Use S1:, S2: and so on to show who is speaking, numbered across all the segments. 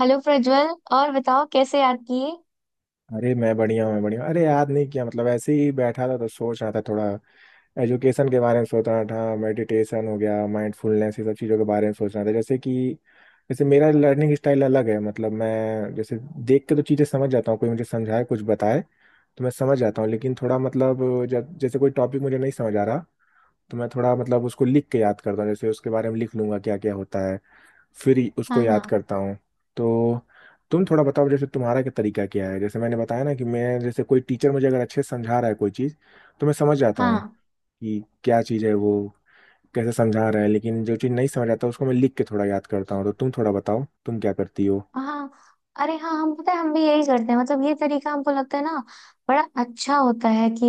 S1: Hello Prajwal. और बताओ, कैसे याद किए?
S2: अरे मैं बढ़िया हूँ, मैं बढ़िया हूँ। अरे याद नहीं किया, मतलब ऐसे ही बैठा था तो सोच रहा था, थोड़ा एजुकेशन के बारे में सोच रहा था, मेडिटेशन हो गया, माइंडफुलनेस, ये सब चीज़ों के बारे में सोच रहा था। जैसे मेरा लर्निंग स्टाइल अलग है, मतलब मैं जैसे देख के तो चीज़ें समझ जाता हूँ, कोई मुझे समझाए कुछ बताए तो मैं समझ जाता हूँ। लेकिन थोड़ा, मतलब जब जैसे कोई टॉपिक मुझे नहीं समझ आ रहा तो मैं थोड़ा, मतलब उसको लिख के याद करता हूँ, जैसे उसके बारे में लिख लूंगा क्या क्या होता है, फिर ही उसको
S1: हाँ, हाँ।
S2: याद करता हूँ। तो तुम थोड़ा बताओ, जैसे तुम्हारा क्या तरीका क्या है। जैसे मैंने बताया ना कि मैं जैसे कोई टीचर मुझे अगर अच्छे से समझा रहा है कोई चीज़, तो मैं समझ जाता हूँ
S1: हाँ,
S2: कि क्या चीज़ है, वो कैसे समझा रहा है। लेकिन जो चीज़ नहीं समझ आता उसको मैं लिख के थोड़ा याद करता हूँ। तो तुम थोड़ा बताओ तुम क्या करती हो।
S1: हाँ। अरे हाँ, हम पता है, हम भी यही करते हैं। मतलब ये तरीका हमको लगता है ना, बड़ा अच्छा होता है कि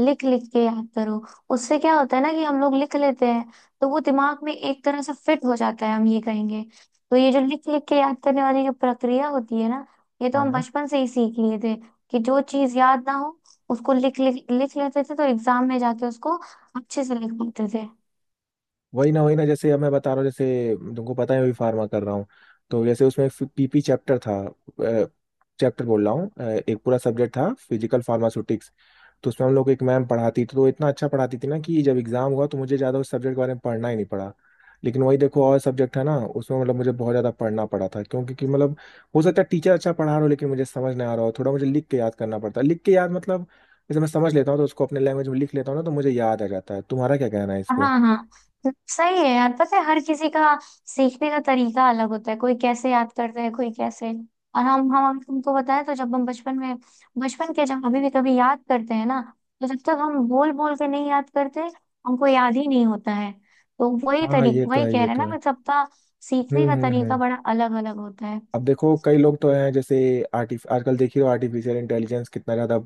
S1: लिख लिख के याद करो। उससे क्या होता है ना, कि हम लोग लिख लेते हैं, तो वो दिमाग में एक तरह से फिट हो जाता है, हम ये कहेंगे। तो ये जो लिख लिख के याद करने वाली जो प्रक्रिया होती है ना, ये तो हम
S2: हाँ,
S1: बचपन से ही सीख लिए थे कि जो चीज याद ना हो, उसको लिख लिख लिख लेते थे, तो एग्जाम में जाके उसको अच्छे से लिख पाते थे।
S2: वही ना वही ना, जैसे अब मैं बता रहा हूँ, जैसे तुमको पता है मैं भी फार्मा कर रहा हूँ, तो जैसे उसमें पीपी चैप्टर था, चैप्टर बोल रहा हूँ, एक पूरा सब्जेक्ट था फिजिकल फार्मास्यूटिक्स। तो उसमें हम लोग को एक मैम पढ़ाती थी, तो वो इतना अच्छा पढ़ाती थी ना कि जब एग्जाम हुआ तो मुझे ज़्यादा उस सब्जेक्ट के बारे में पढ़ना ही नहीं पड़ा। लेकिन वही देखो, और सब्जेक्ट है ना, उसमें मतलब मुझे बहुत ज़्यादा पढ़ना पड़ा था, क्योंकि कि मतलब हो सकता है टीचर अच्छा पढ़ा रहा हो लेकिन मुझे समझ नहीं आ रहा हो, थोड़ा मुझे लिख के याद करना पड़ता है। लिख के याद मतलब जैसे मैं समझ लेता हूँ तो उसको अपने लैंग्वेज में लिख लेता हूँ ना, तो मुझे याद आ जाता है। तुम्हारा क्या कहना है इस पे।
S1: हाँ, हाँ। तो सही है यार। पता है, हर किसी का सीखने का तरीका अलग होता है। कोई कैसे याद करता है, कोई कैसे। और हम तुमको बताएं तो जब हम बचपन में, बचपन के, जब अभी भी कभी याद करते हैं ना, तो जब तक हम बोल बोल के नहीं याद करते, हमको याद ही नहीं होता है। तो वही
S2: हाँ
S1: तरी,
S2: ये तो
S1: वही
S2: है,
S1: कह रहे
S2: ये
S1: हैं
S2: तो
S1: ना
S2: है।
S1: कि सबका
S2: हम्म,
S1: सीखने का
S2: हम्म,
S1: तरीका
S2: हम्म।
S1: बड़ा अलग अलग होता है।
S2: अब देखो कई लोग तो हैं, जैसे आर्टिफ आजकल देखिए आर्टिफिशियल इंटेलिजेंस कितना ज़्यादा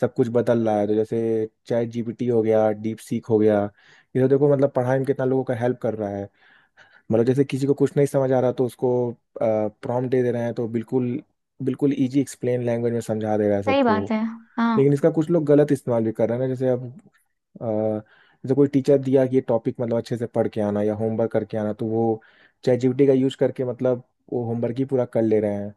S2: सब कुछ बदल रहा है, तो जैसे चैट जीपीटी हो गया, डीप सीक हो गया। ये तो देखो मतलब पढ़ाई में कितना लोगों का हेल्प कर रहा है। मतलब जैसे किसी को कुछ नहीं समझ आ रहा तो उसको प्रॉम्प्ट दे दे रहे हैं, तो बिल्कुल बिल्कुल इजी एक्सप्लेन लैंग्वेज में समझा दे रहा है
S1: सही
S2: सबको।
S1: बात है। हाँ,
S2: लेकिन इसका कुछ लोग गलत इस्तेमाल भी कर रहे हैं ना, जैसे अब अ, जैसे कोई टीचर दिया कि ये टॉपिक मतलब अच्छे से पढ़ के आना या होमवर्क करके आना, तो वो चैट जीपीटी का यूज करके मतलब वो होमवर्क ही पूरा कर ले रहे हैं।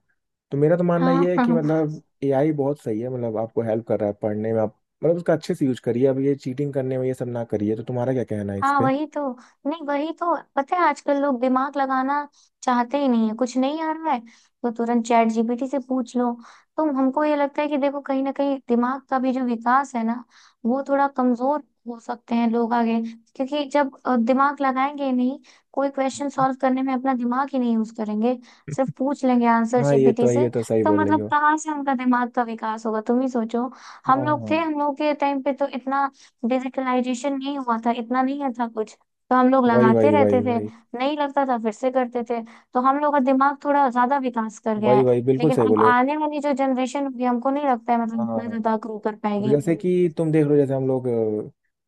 S2: तो मेरा तो मानना
S1: हाँ।
S2: ये है कि मतलब एआई बहुत सही है, मतलब आपको हेल्प कर रहा है पढ़ने में, आप मतलब उसका अच्छे से यूज करिए, अब ये चीटिंग करने में ये सब ना करिए। तो तुम्हारा क्या कहना है इस
S1: हाँ,
S2: पे।
S1: वही तो। नहीं, वही तो। पता है, आजकल लोग दिमाग लगाना चाहते ही नहीं है। कुछ नहीं आ रहा है तो तुरंत चैट जीपीटी से पूछ लो। तो हमको ये लगता है कि देखो, कहीं ना कहीं दिमाग का भी जो विकास है ना, वो थोड़ा कमजोर हो सकते हैं लोग आगे। क्योंकि जब दिमाग लगाएंगे ही नहीं, कोई क्वेश्चन
S2: हम्म,
S1: सॉल्व करने में अपना दिमाग ही नहीं यूज करेंगे, सिर्फ पूछ लेंगे आंसर
S2: हाँ
S1: जीपीटी
S2: ये
S1: से,
S2: तो सही
S1: तो
S2: बोल रही
S1: मतलब
S2: हो।
S1: कहाँ से उनका दिमाग का विकास होगा? तुम ही सोचो।
S2: हाँ
S1: हम लोग थे,
S2: हाँ,
S1: हम लोग के टाइम पे तो इतना डिजिटलाइजेशन नहीं हुआ था, इतना नहीं था कुछ, तो हम लोग
S2: वही
S1: लगाते
S2: वही वही
S1: रहते थे।
S2: वही।
S1: नहीं लगता था फिर से करते थे। तो हम लोग का दिमाग थोड़ा ज्यादा विकास कर गया
S2: वही
S1: है।
S2: वही बिल्कुल
S1: लेकिन
S2: सही
S1: अब
S2: बोले हो।
S1: आने वाली जो जनरेशन होगी, हमको नहीं लगता है मतलब
S2: हाँ,
S1: इतना ज्यादा ग्रो कर
S2: अब
S1: पाएगी।
S2: जैसे कि तुम देख लो, जैसे हम लोग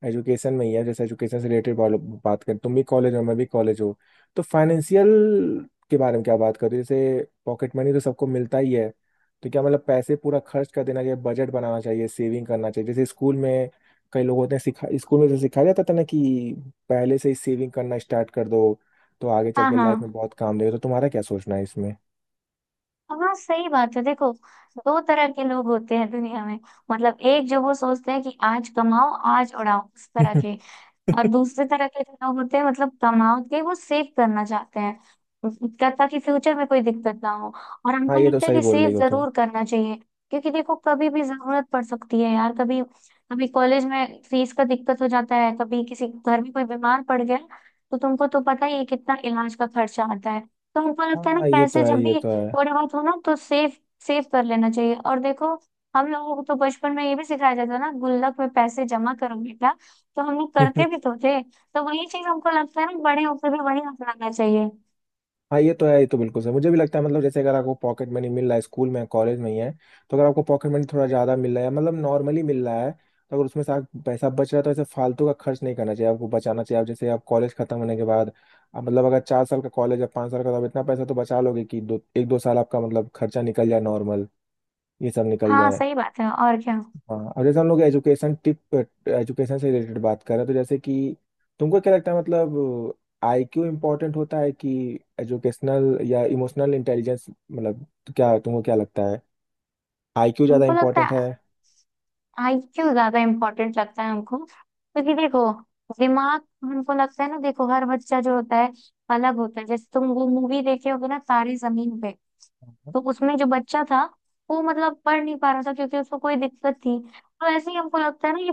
S2: एजुकेशन में ही है, जैसे एजुकेशन से रिलेटेड बात करें, तुम भी कॉलेज हो मैं भी कॉलेज हो, तो फाइनेंशियल के बारे में क्या बात करो। जैसे पॉकेट मनी तो सबको मिलता ही है, तो क्या मतलब पैसे पूरा खर्च कर देना चाहिए, बजट बनाना चाहिए, सेविंग करना चाहिए। जैसे स्कूल में कई लोग होते हैं सिखा, स्कूल में जैसे सिखाया जाता था ना कि पहले से ही सेविंग करना स्टार्ट कर दो, तो आगे चल
S1: हाँ,
S2: के
S1: हाँ।
S2: लाइफ में बहुत काम देगा। तो तुम्हारा क्या सोचना है इसमें।
S1: हाँ, सही बात है। देखो, दो तरह के लोग होते हैं दुनिया में। मतलब एक जो वो सोचते हैं कि आज कमाओ आज उड़ाओ, उस तरह के। और दूसरे तरह के जो लोग होते हैं, मतलब तनाव के, वो सेव करना चाहते हैं, ताकि फ्यूचर में कोई दिक्कत ना हो। और
S2: हाँ
S1: हमको
S2: ये तो
S1: लगता है
S2: सही
S1: कि
S2: बोल
S1: सेव
S2: रही हो तुम।
S1: जरूर करना चाहिए, क्योंकि देखो कभी भी जरूरत पड़ सकती है यार। कभी कभी कॉलेज में फीस का दिक्कत हो जाता है, कभी किसी घर में कोई बीमार पड़ गया, तो तुमको तो पता ही है कितना इलाज का खर्चा आता है। तो हमको लगता है ना,
S2: हाँ ये तो
S1: पैसे
S2: है,
S1: जब
S2: ये
S1: भी
S2: तो
S1: थोड़े बहुत हो ना, तो सेव सेव कर लेना चाहिए। और देखो, हम लोगों को तो बचपन में ये भी सिखाया जाता है ना, गुल्लक में पैसे जमा करो बेटा। तो हम लोग
S2: है।
S1: करते भी तो थे, तो वही चीज हमको लगता है ना, बड़े होकर भी वही अपनाना चाहिए।
S2: हाँ ये तो है, ये तो बिल्कुल सही, मुझे भी लगता है। मतलब जैसे अगर आपको पॉकेट मनी मिल रहा है, स्कूल में कॉलेज में ही है, तो अगर आपको पॉकेट मनी थोड़ा ज़्यादा मिल रहा है, मतलब नॉर्मली मिल रहा है, तो अगर उसमें से आप पैसा बच रहा है तो ऐसे फालतू का खर्च नहीं करना चाहिए, आपको बचाना चाहिए। आप जैसे आप कॉलेज खत्म होने के बाद, आप मतलब अगर 4 साल का कॉलेज या 5 साल का, तो आप इतना पैसा तो बचा लोगे कि दो एक दो साल आपका मतलब खर्चा निकल जाए, नॉर्मल ये सब निकल
S1: हाँ,
S2: जाए।
S1: सही बात है। और क्या।
S2: हाँ अब जैसे हम लोग एजुकेशन से रिलेटेड बात कर रहे हैं, तो जैसे कि तुमको क्या लगता है, मतलब आईक्यू इम्पोर्टेंट होता है कि एजुकेशनल या इमोशनल इंटेलिजेंस, मतलब क्या तुमको क्या लगता है, आईक्यू ज़्यादा
S1: हमको लगता
S2: इम्पोर्टेंट है।
S1: है आईक्यू ज्यादा इम्पोर्टेंट लगता है हमको। क्योंकि देखो, दिमाग हमको लगता है ना, देखो हर बच्चा जो होता है अलग होता है। जैसे तुम वो मूवी देखे होगे ना, तारे जमीन पे। तो उसमें जो बच्चा था, वो मतलब पढ़ नहीं पा रहा था, क्योंकि उसको कोई दिक्कत थी। तो ऐसे ही हमको लगता है ना, ये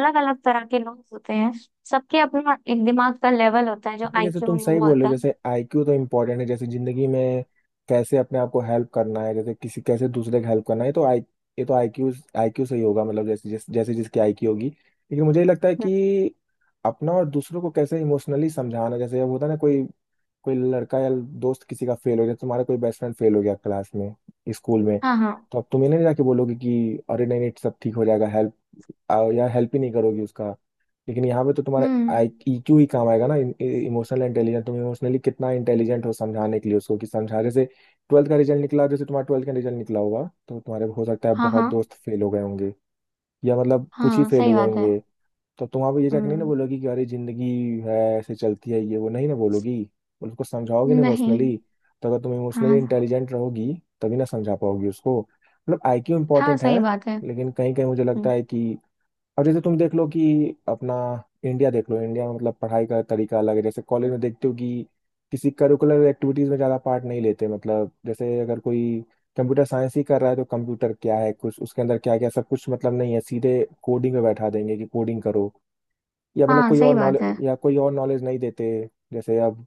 S1: अलग अलग तरह के लोग होते हैं। सबके अपना एक दिमाग का लेवल होता है जो
S2: जैसे
S1: आईक्यू
S2: तुम
S1: हम लोग
S2: सही बोल रहे
S1: बोलते
S2: हो,
S1: हैं।
S2: जैसे आईक्यू तो इम्पोर्टेंट है, जैसे जिंदगी में कैसे अपने आप को हेल्प करना है, जैसे किसी कैसे दूसरे का हेल्प करना है, तो आई ये तो आईक्यू आईक्यू से ही होगा, मतलब जैसे जैसे जिसकी आईक्यू होगी। लेकिन मुझे ये लगता है कि अपना और दूसरों को कैसे इमोशनली समझाना। जैसे अब होता है ना, कोई कोई लड़का या दोस्त किसी का फेल हो गया, तुम्हारा कोई बेस्ट फ्रेंड फेल हो गया क्लास में, स्कूल में,
S1: हाँ, हाँ।
S2: तो अब तुम इन्हें नहीं जाके बोलोगे कि अरे नहीं नहीं सब ठीक हो जाएगा, हेल्प, या हेल्प ही नहीं करोगी उसका। लेकिन यहाँ पे तो तुम्हारा
S1: हम्म।
S2: ईक्यू ही काम आएगा ना, इमोशनल इंटेलिजेंट, तुम इमोशनली कितना इंटेलिजेंट हो समझाने के लिए उसको, कि समझा जैसे ट्वेल्थ का रिजल्ट निकला, जैसे तुम्हारा ट्वेल्थ का रिजल्ट निकला होगा, तो तुम्हारे हो सकता है
S1: हाँ,
S2: बहुत
S1: हाँ।
S2: दोस्त फेल हो गए होंगे, या मतलब कुछ ही
S1: हाँ,
S2: फेल
S1: सही
S2: हुए
S1: बात है।
S2: होंगे। तो तुम वहाँ पे ये जाकर नहीं ना
S1: हम्म।
S2: बोलोगी कि अरे जिंदगी है ऐसे चलती है, ये वो नहीं ना बोलोगी, उसको समझाओगे ना
S1: नहीं।
S2: इमोशनली। तो अगर तुम इमोशनली
S1: हाँ।
S2: इंटेलिजेंट रहोगी, तभी ना समझा पाओगी उसको। मतलब आईक्यू
S1: हाँ,
S2: इंपॉर्टेंट है,
S1: सही बात है।
S2: लेकिन कहीं कहीं मुझे
S1: हम्म,
S2: लगता है कि अब जैसे तुम देख लो कि अपना इंडिया देख लो, इंडिया में मतलब पढ़ाई का तरीका अलग है। जैसे कॉलेज में देखते हो कि किसी करिकुलर एक्टिविटीज में ज़्यादा पार्ट नहीं लेते, मतलब जैसे अगर कोई कंप्यूटर साइंस ही कर रहा है, तो कंप्यूटर क्या है, कुछ उसके अंदर क्या क्या सब कुछ, मतलब नहीं है, सीधे कोडिंग में बैठा देंगे कि कोडिंग करो, या मतलब
S1: हाँ
S2: कोई
S1: सही
S2: और
S1: बात
S2: नॉलेज,
S1: है।
S2: या कोई और नॉलेज नहीं देते। जैसे अब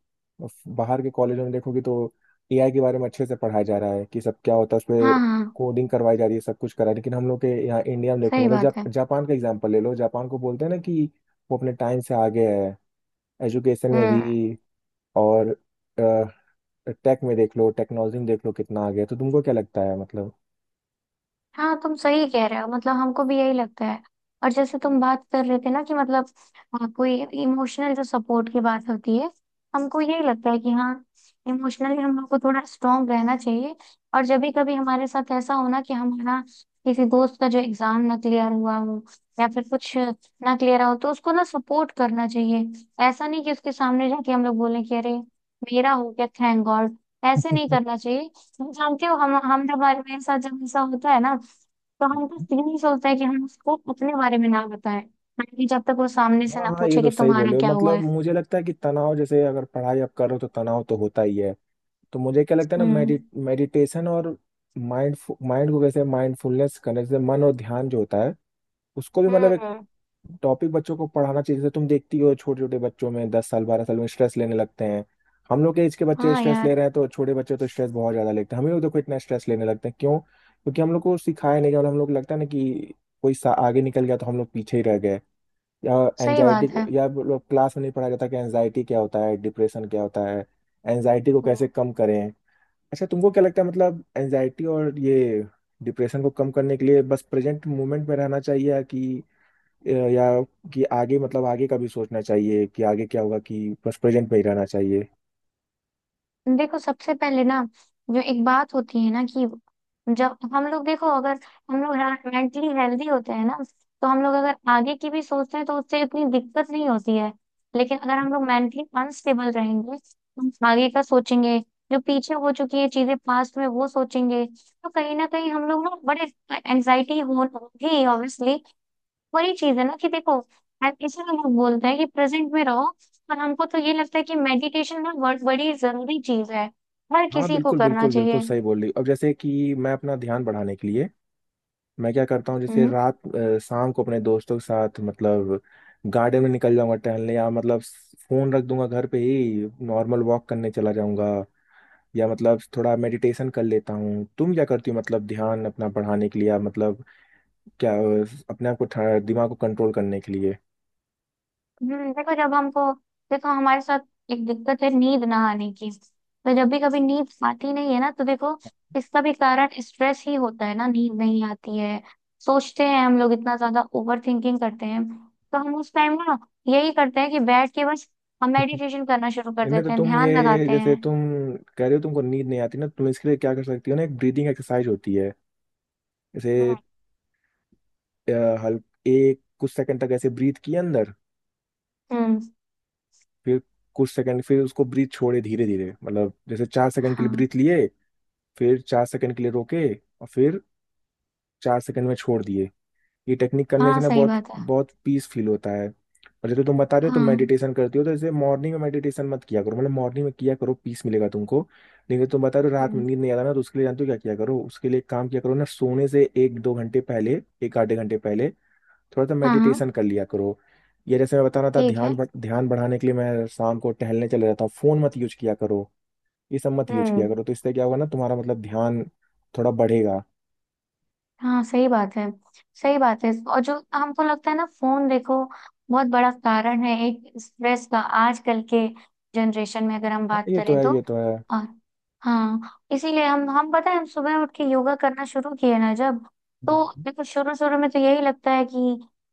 S2: बाहर के कॉलेजों में देखोगे तो एआई के बारे में अच्छे से पढ़ाया जा रहा है कि सब क्या होता है उसमें,
S1: हाँ, हाँ
S2: कोडिंग करवाई जा रही है, सब कुछ करा है। लेकिन हम लोग के यहाँ इंडिया में देखो,
S1: सही
S2: मतलब
S1: बात है।
S2: जापान का एग्जाम्पल ले लो, जापान को बोलते हैं ना कि वो अपने टाइम से आगे है एजुकेशन में
S1: हम्म।
S2: भी, और टेक में देख लो, टेक्नोलॉजी में देख लो कितना आगे है। तो तुमको क्या लगता है मतलब।
S1: हाँ तुम सही कह रहे हो, मतलब हमको भी यही लगता है। और जैसे तुम बात कर रहे थे ना कि मतलब कोई इमोशनल जो सपोर्ट की बात होती है, हमको यही लगता है कि हाँ, इमोशनली हम लोग को थोड़ा स्ट्रांग रहना चाहिए। और जब भी कभी हमारे साथ ऐसा हो ना कि हमारा किसी दोस्त का जो एग्जाम ना क्लियर हुआ हो, या फिर कुछ ना क्लियर हो, तो उसको ना सपोर्ट करना चाहिए। ऐसा नहीं कि उसके सामने जाके हम लोग बोलें कि अरे मेरा हो गया, थैंक गॉड। ऐसे नहीं करना चाहिए। जानते हो, हम जब हमारे साथ जब ऐसा होता है ना, तो हम बस यही सोचते हैं कि हम उसको अपने बारे में ना बताएं, ताकि जब तक वो सामने से
S2: हाँ
S1: ना
S2: हाँ ये
S1: पूछे
S2: तो
S1: कि
S2: सही
S1: तुम्हारा
S2: बोले हो।
S1: क्या हुआ
S2: मतलब
S1: है।
S2: मुझे लगता है कि तनाव, जैसे अगर पढ़ाई आप करो तो तनाव तो होता ही है। तो मुझे क्या लगता है ना,
S1: हम्म।
S2: मेडिटेशन और माइंड माइंड को कैसे, माइंडफुलनेस करने, जैसे मन और ध्यान जो होता है उसको भी
S1: हम्म।
S2: मतलब एक
S1: हम्म।
S2: टॉपिक बच्चों को पढ़ाना चाहिए। जैसे तुम देखती हो छोटे छोटे बच्चों में, 10 साल 12 साल में स्ट्रेस लेने लगते हैं, हम लोग के एज के बच्चे
S1: हाँ
S2: स्ट्रेस
S1: यार,
S2: ले रहे हैं, तो छोटे बच्चे तो स्ट्रेस बहुत ज्यादा लेते हैं। हम ही लोग देखो इतना स्ट्रेस लेने लगते हैं क्यों, क्योंकि हम लोग को सिखाया नहीं गया, और हम लोग को लगता है ना कि कोई सा आगे निकल गया तो हम लोग पीछे ही रह गए, या
S1: सही
S2: एनजाइटी,
S1: बात है।
S2: या लोग क्लास में नहीं पढ़ाया जाता कि एनजाइटी क्या होता है, डिप्रेशन क्या होता है, एनजाइटी को
S1: हम्म।
S2: कैसे कम करें। अच्छा तुमको क्या लगता है, मतलब एंजाइटी और ये डिप्रेशन को कम करने के लिए बस प्रेजेंट मोमेंट में रहना चाहिए या, कि या कि आगे, मतलब आगे का भी सोचना चाहिए कि आगे क्या होगा कि बस प्रेजेंट में ही रहना चाहिए।
S1: देखो सबसे पहले ना, जो एक बात होती है ना कि जब हम लोग, देखो अगर हम लोग मेंटली हेल्दी होते हैं ना, तो हम लोग अगर आगे की भी सोचते हैं तो उससे इतनी दिक्कत नहीं होती है। लेकिन अगर हम लोग मेंटली अनस्टेबल रहेंगे, हम आगे का सोचेंगे, जो पीछे हो चुकी है चीजें पास्ट में वो सोचेंगे, तो कहीं ना कहीं हम लोग ना बड़े एंजाइटी हो होगी ऑब्वियसली। वही चीज है ना, कि देखो हम इसीलिए लोग बोलते हैं कि प्रेजेंट में रहो। पर हमको तो ये लगता है कि मेडिटेशन ना बहुत बड़ी जरूरी चीज है, हर
S2: हाँ
S1: किसी को
S2: बिल्कुल
S1: करना
S2: बिल्कुल
S1: चाहिए।
S2: बिल्कुल सही बोल रही हो। अब जैसे कि मैं अपना ध्यान बढ़ाने के लिए मैं क्या करता हूँ, जैसे
S1: हम्म।
S2: रात शाम को अपने दोस्तों के साथ मतलब गार्डन में निकल जाऊंगा टहलने, या मतलब फोन रख दूंगा घर पे ही, नॉर्मल वॉक करने चला जाऊंगा, या मतलब थोड़ा मेडिटेशन कर लेता हूँ। तुम क्या करती हो मतलब, ध्यान अपना बढ़ाने के लिए या मतलब, क्या अपने आप को दिमाग को कंट्रोल करने के लिए।
S1: देखो जब हमको, देखो हमारे साथ एक दिक्कत है नींद ना आने की। तो जब भी कभी नींद आती नहीं है ना, तो देखो इसका भी कारण स्ट्रेस ही होता है ना, नींद नहीं आती है। सोचते हैं हम लोग इतना ज्यादा ओवर थिंकिंग करते हैं। तो हम उस टाइम ना यही करते हैं कि बैठ के बस हम मेडिटेशन करना शुरू कर
S2: इन्हें तो
S1: देते हैं,
S2: तुम,
S1: ध्यान
S2: ये
S1: लगाते
S2: जैसे तुम
S1: हैं।
S2: कह रहे हो तुमको नींद नहीं आती ना, तुम इसके लिए क्या कर सकती हो ना, एक ब्रीदिंग एक्सरसाइज होती है, जैसे
S1: हम्म।
S2: अ, हल, एक कुछ सेकंड तक ऐसे ब्रीथ किए अंदर,
S1: हम्म।
S2: फिर कुछ सेकंड फिर उसको ब्रीथ छोड़े धीरे धीरे, मतलब जैसे 4 सेकंड के लिए
S1: हाँ।
S2: ब्रीथ लिए, फिर 4 सेकंड के लिए रोके, और फिर 4 सेकंड में छोड़ दिए। ये टेक्निक करने से
S1: हाँ,
S2: ना
S1: सही
S2: बहुत
S1: बात है।
S2: बहुत पीस फील होता है। और जैसे तुम बता रहे हो तुम
S1: हाँ।
S2: मेडिटेशन करती हो, तो जैसे मॉर्निंग में मेडिटेशन मत किया करो, मतलब मॉर्निंग में किया करो, पीस मिलेगा तुमको। लेकिन तुम बता रहे हो रात में
S1: हम्म।
S2: नींद नहीं आता ना, तो उसके लिए जानते हो क्या किया करो, उसके लिए एक काम किया करो ना, सोने से एक दो घंटे पहले, एक आधे घंटे पहले थोड़ा सा
S1: हाँ, हाँ।
S2: मेडिटेशन कर लिया करो। या जैसे मैं बता रहा था
S1: ठीक
S2: ध्यान
S1: है।
S2: ध्यान बढ़ाने के लिए मैं शाम को टहलने चले जाता हूँ, फोन मत यूज किया करो, ये सब मत यूज किया
S1: हम्म।
S2: करो, तो इससे क्या होगा ना, तुम्हारा मतलब ध्यान थोड़ा बढ़ेगा।
S1: हाँ, सही बात है। सही बात है। और जो हमको लगता है ना, फोन देखो बहुत बड़ा कारण है एक स्ट्रेस का आजकल के जनरेशन में, अगर हम
S2: हाँ
S1: बात
S2: ये तो
S1: करें
S2: है
S1: तो।
S2: ये तो
S1: और हाँ, इसीलिए हम पता है हम सुबह उठ के योगा करना शुरू किए ना, जब। तो
S2: है।
S1: देखो, शुरू शुरू में तो यही लगता है कि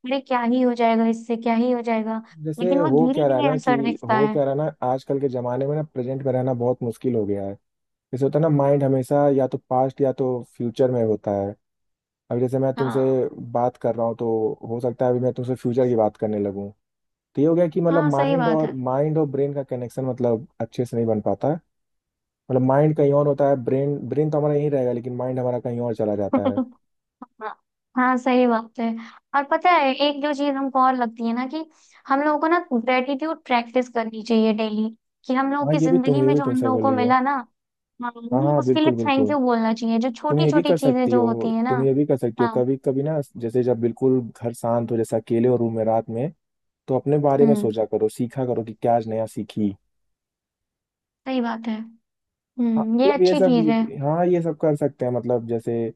S1: अरे क्या ही हो जाएगा, इससे क्या ही हो जाएगा।
S2: जैसे
S1: लेकिन वो
S2: हो क्या
S1: धीरे
S2: रहा है
S1: धीरे
S2: ना कि,
S1: असर दिखता
S2: हो
S1: है।
S2: क्या रहा है ना आजकल के जमाने में ना, प्रेजेंट में रहना बहुत मुश्किल हो गया है। जैसे होता है ना माइंड हमेशा या तो पास्ट या तो फ्यूचर में होता है। अब जैसे मैं तुमसे
S1: हाँ,
S2: बात कर रहा हूँ, तो हो सकता है अभी मैं तुमसे फ्यूचर की बात करने लगूँ। तो ये हो गया कि मतलब
S1: हाँ सही
S2: माइंड
S1: बात
S2: और,
S1: है।
S2: ब्रेन का कनेक्शन मतलब अच्छे से नहीं बन पाता है, मतलब माइंड कहीं और होता है, ब्रेन ब्रेन तो हमारा यहीं रहेगा लेकिन माइंड हमारा कहीं और चला जाता है।
S1: हाँ, हाँ, सही बात है। और पता है, एक जो चीज हमको और लगती है ना कि हम लोगों को ना ग्रेटिट्यूड प्रैक्टिस करनी चाहिए डेली, कि हम लोगों
S2: हाँ
S1: की
S2: ये भी तुम,
S1: जिंदगी
S2: ये
S1: में
S2: भी
S1: जो हम
S2: तुमसे
S1: लोगों
S2: बोल
S1: को
S2: रही हो।
S1: मिला ना, हाँ,
S2: हाँ
S1: हमें
S2: हाँ
S1: उसके लिए
S2: बिल्कुल
S1: थैंक
S2: बिल्कुल,
S1: यू बोलना चाहिए, जो
S2: तुम
S1: छोटी
S2: ये भी
S1: छोटी
S2: कर
S1: चीजें
S2: सकती
S1: जो होती
S2: हो,
S1: है
S2: तुम
S1: ना।
S2: ये भी कर सकती हो
S1: हाँ।
S2: कभी कभी ना, जैसे जब बिल्कुल घर शांत हो, जैसे अकेले हो रूम में रात में, तो अपने बारे में
S1: हम्म।
S2: सोचा करो, सीखा करो कि क्या आज नया सीखी।
S1: सही बात है।
S2: हाँ,
S1: हम्म, ये
S2: मतलब ये
S1: अच्छी
S2: सब,
S1: चीज है।
S2: हाँ ये सब कर सकते हैं। मतलब जैसे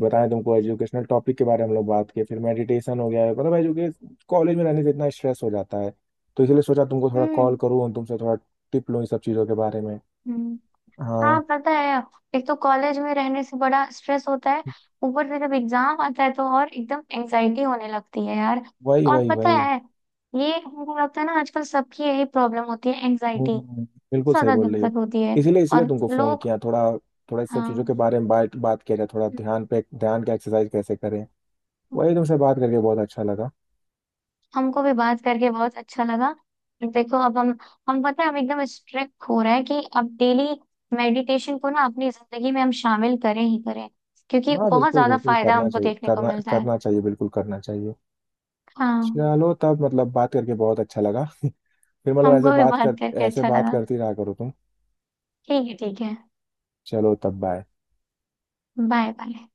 S2: बताएं तुमको एजुकेशनल टॉपिक के बारे में हम लोग बात किए, फिर मेडिटेशन हो गया, मतलब एजुकेश, कॉलेज में रहने से इतना स्ट्रेस हो जाता है, तो इसलिए सोचा तुमको थोड़ा
S1: हम्म।
S2: कॉल करूँ, तुमसे थोड़ा टिप लूँ इस सब चीज़ों के बारे में।
S1: हम्म। हाँ
S2: हाँ
S1: पता है, एक तो कॉलेज में रहने से बड़ा स्ट्रेस होता है। ऊपर से जब एग्जाम आता है तो और एकदम एंजाइटी होने लगती है यार।
S2: वही
S1: और
S2: वही
S1: पता
S2: वही।
S1: है, ये हमको लगता है ना, आजकल सबकी यही प्रॉब्लम होती है, एंजाइटी।
S2: हम्म,
S1: बहुत
S2: बिल्कुल सही
S1: ज्यादा
S2: बोल रही हो।
S1: दिक्कत होती है।
S2: इसीलिए, इसलिए
S1: और
S2: तुमको फोन
S1: लोग।
S2: किया, थोड़ा थोड़ा इस सब चीजों के
S1: हाँ,
S2: बारे में बात बात किया जाए, थोड़ा ध्यान पे, ध्यान का एक्सरसाइज कैसे करें। वही, तुमसे बात करके बहुत अच्छा लगा।
S1: हमको भी बात करके बहुत अच्छा लगा। देखो अब हम पता है हम एकदम स्ट्रिक्ट हो रहे हैं कि अब डेली मेडिटेशन को ना अपनी जिंदगी में हम शामिल करें ही करें, क्योंकि
S2: हाँ
S1: बहुत
S2: बिल्कुल
S1: ज्यादा
S2: बिल्कुल
S1: फायदा
S2: करना
S1: हमको
S2: चाहिए,
S1: देखने को
S2: करना
S1: मिलता है।
S2: करना चाहिए, बिल्कुल करना चाहिए।
S1: हाँ,
S2: चलो तब, मतलब बात करके बहुत अच्छा लगा। फिर मतलब ऐसे
S1: हमको भी
S2: बात कर,
S1: बात करके
S2: ऐसे
S1: अच्छा
S2: बात
S1: लगा।
S2: करती रहा करो तुम।
S1: ठीक है, ठीक है।
S2: चलो तब, बाय।
S1: Bye, bye.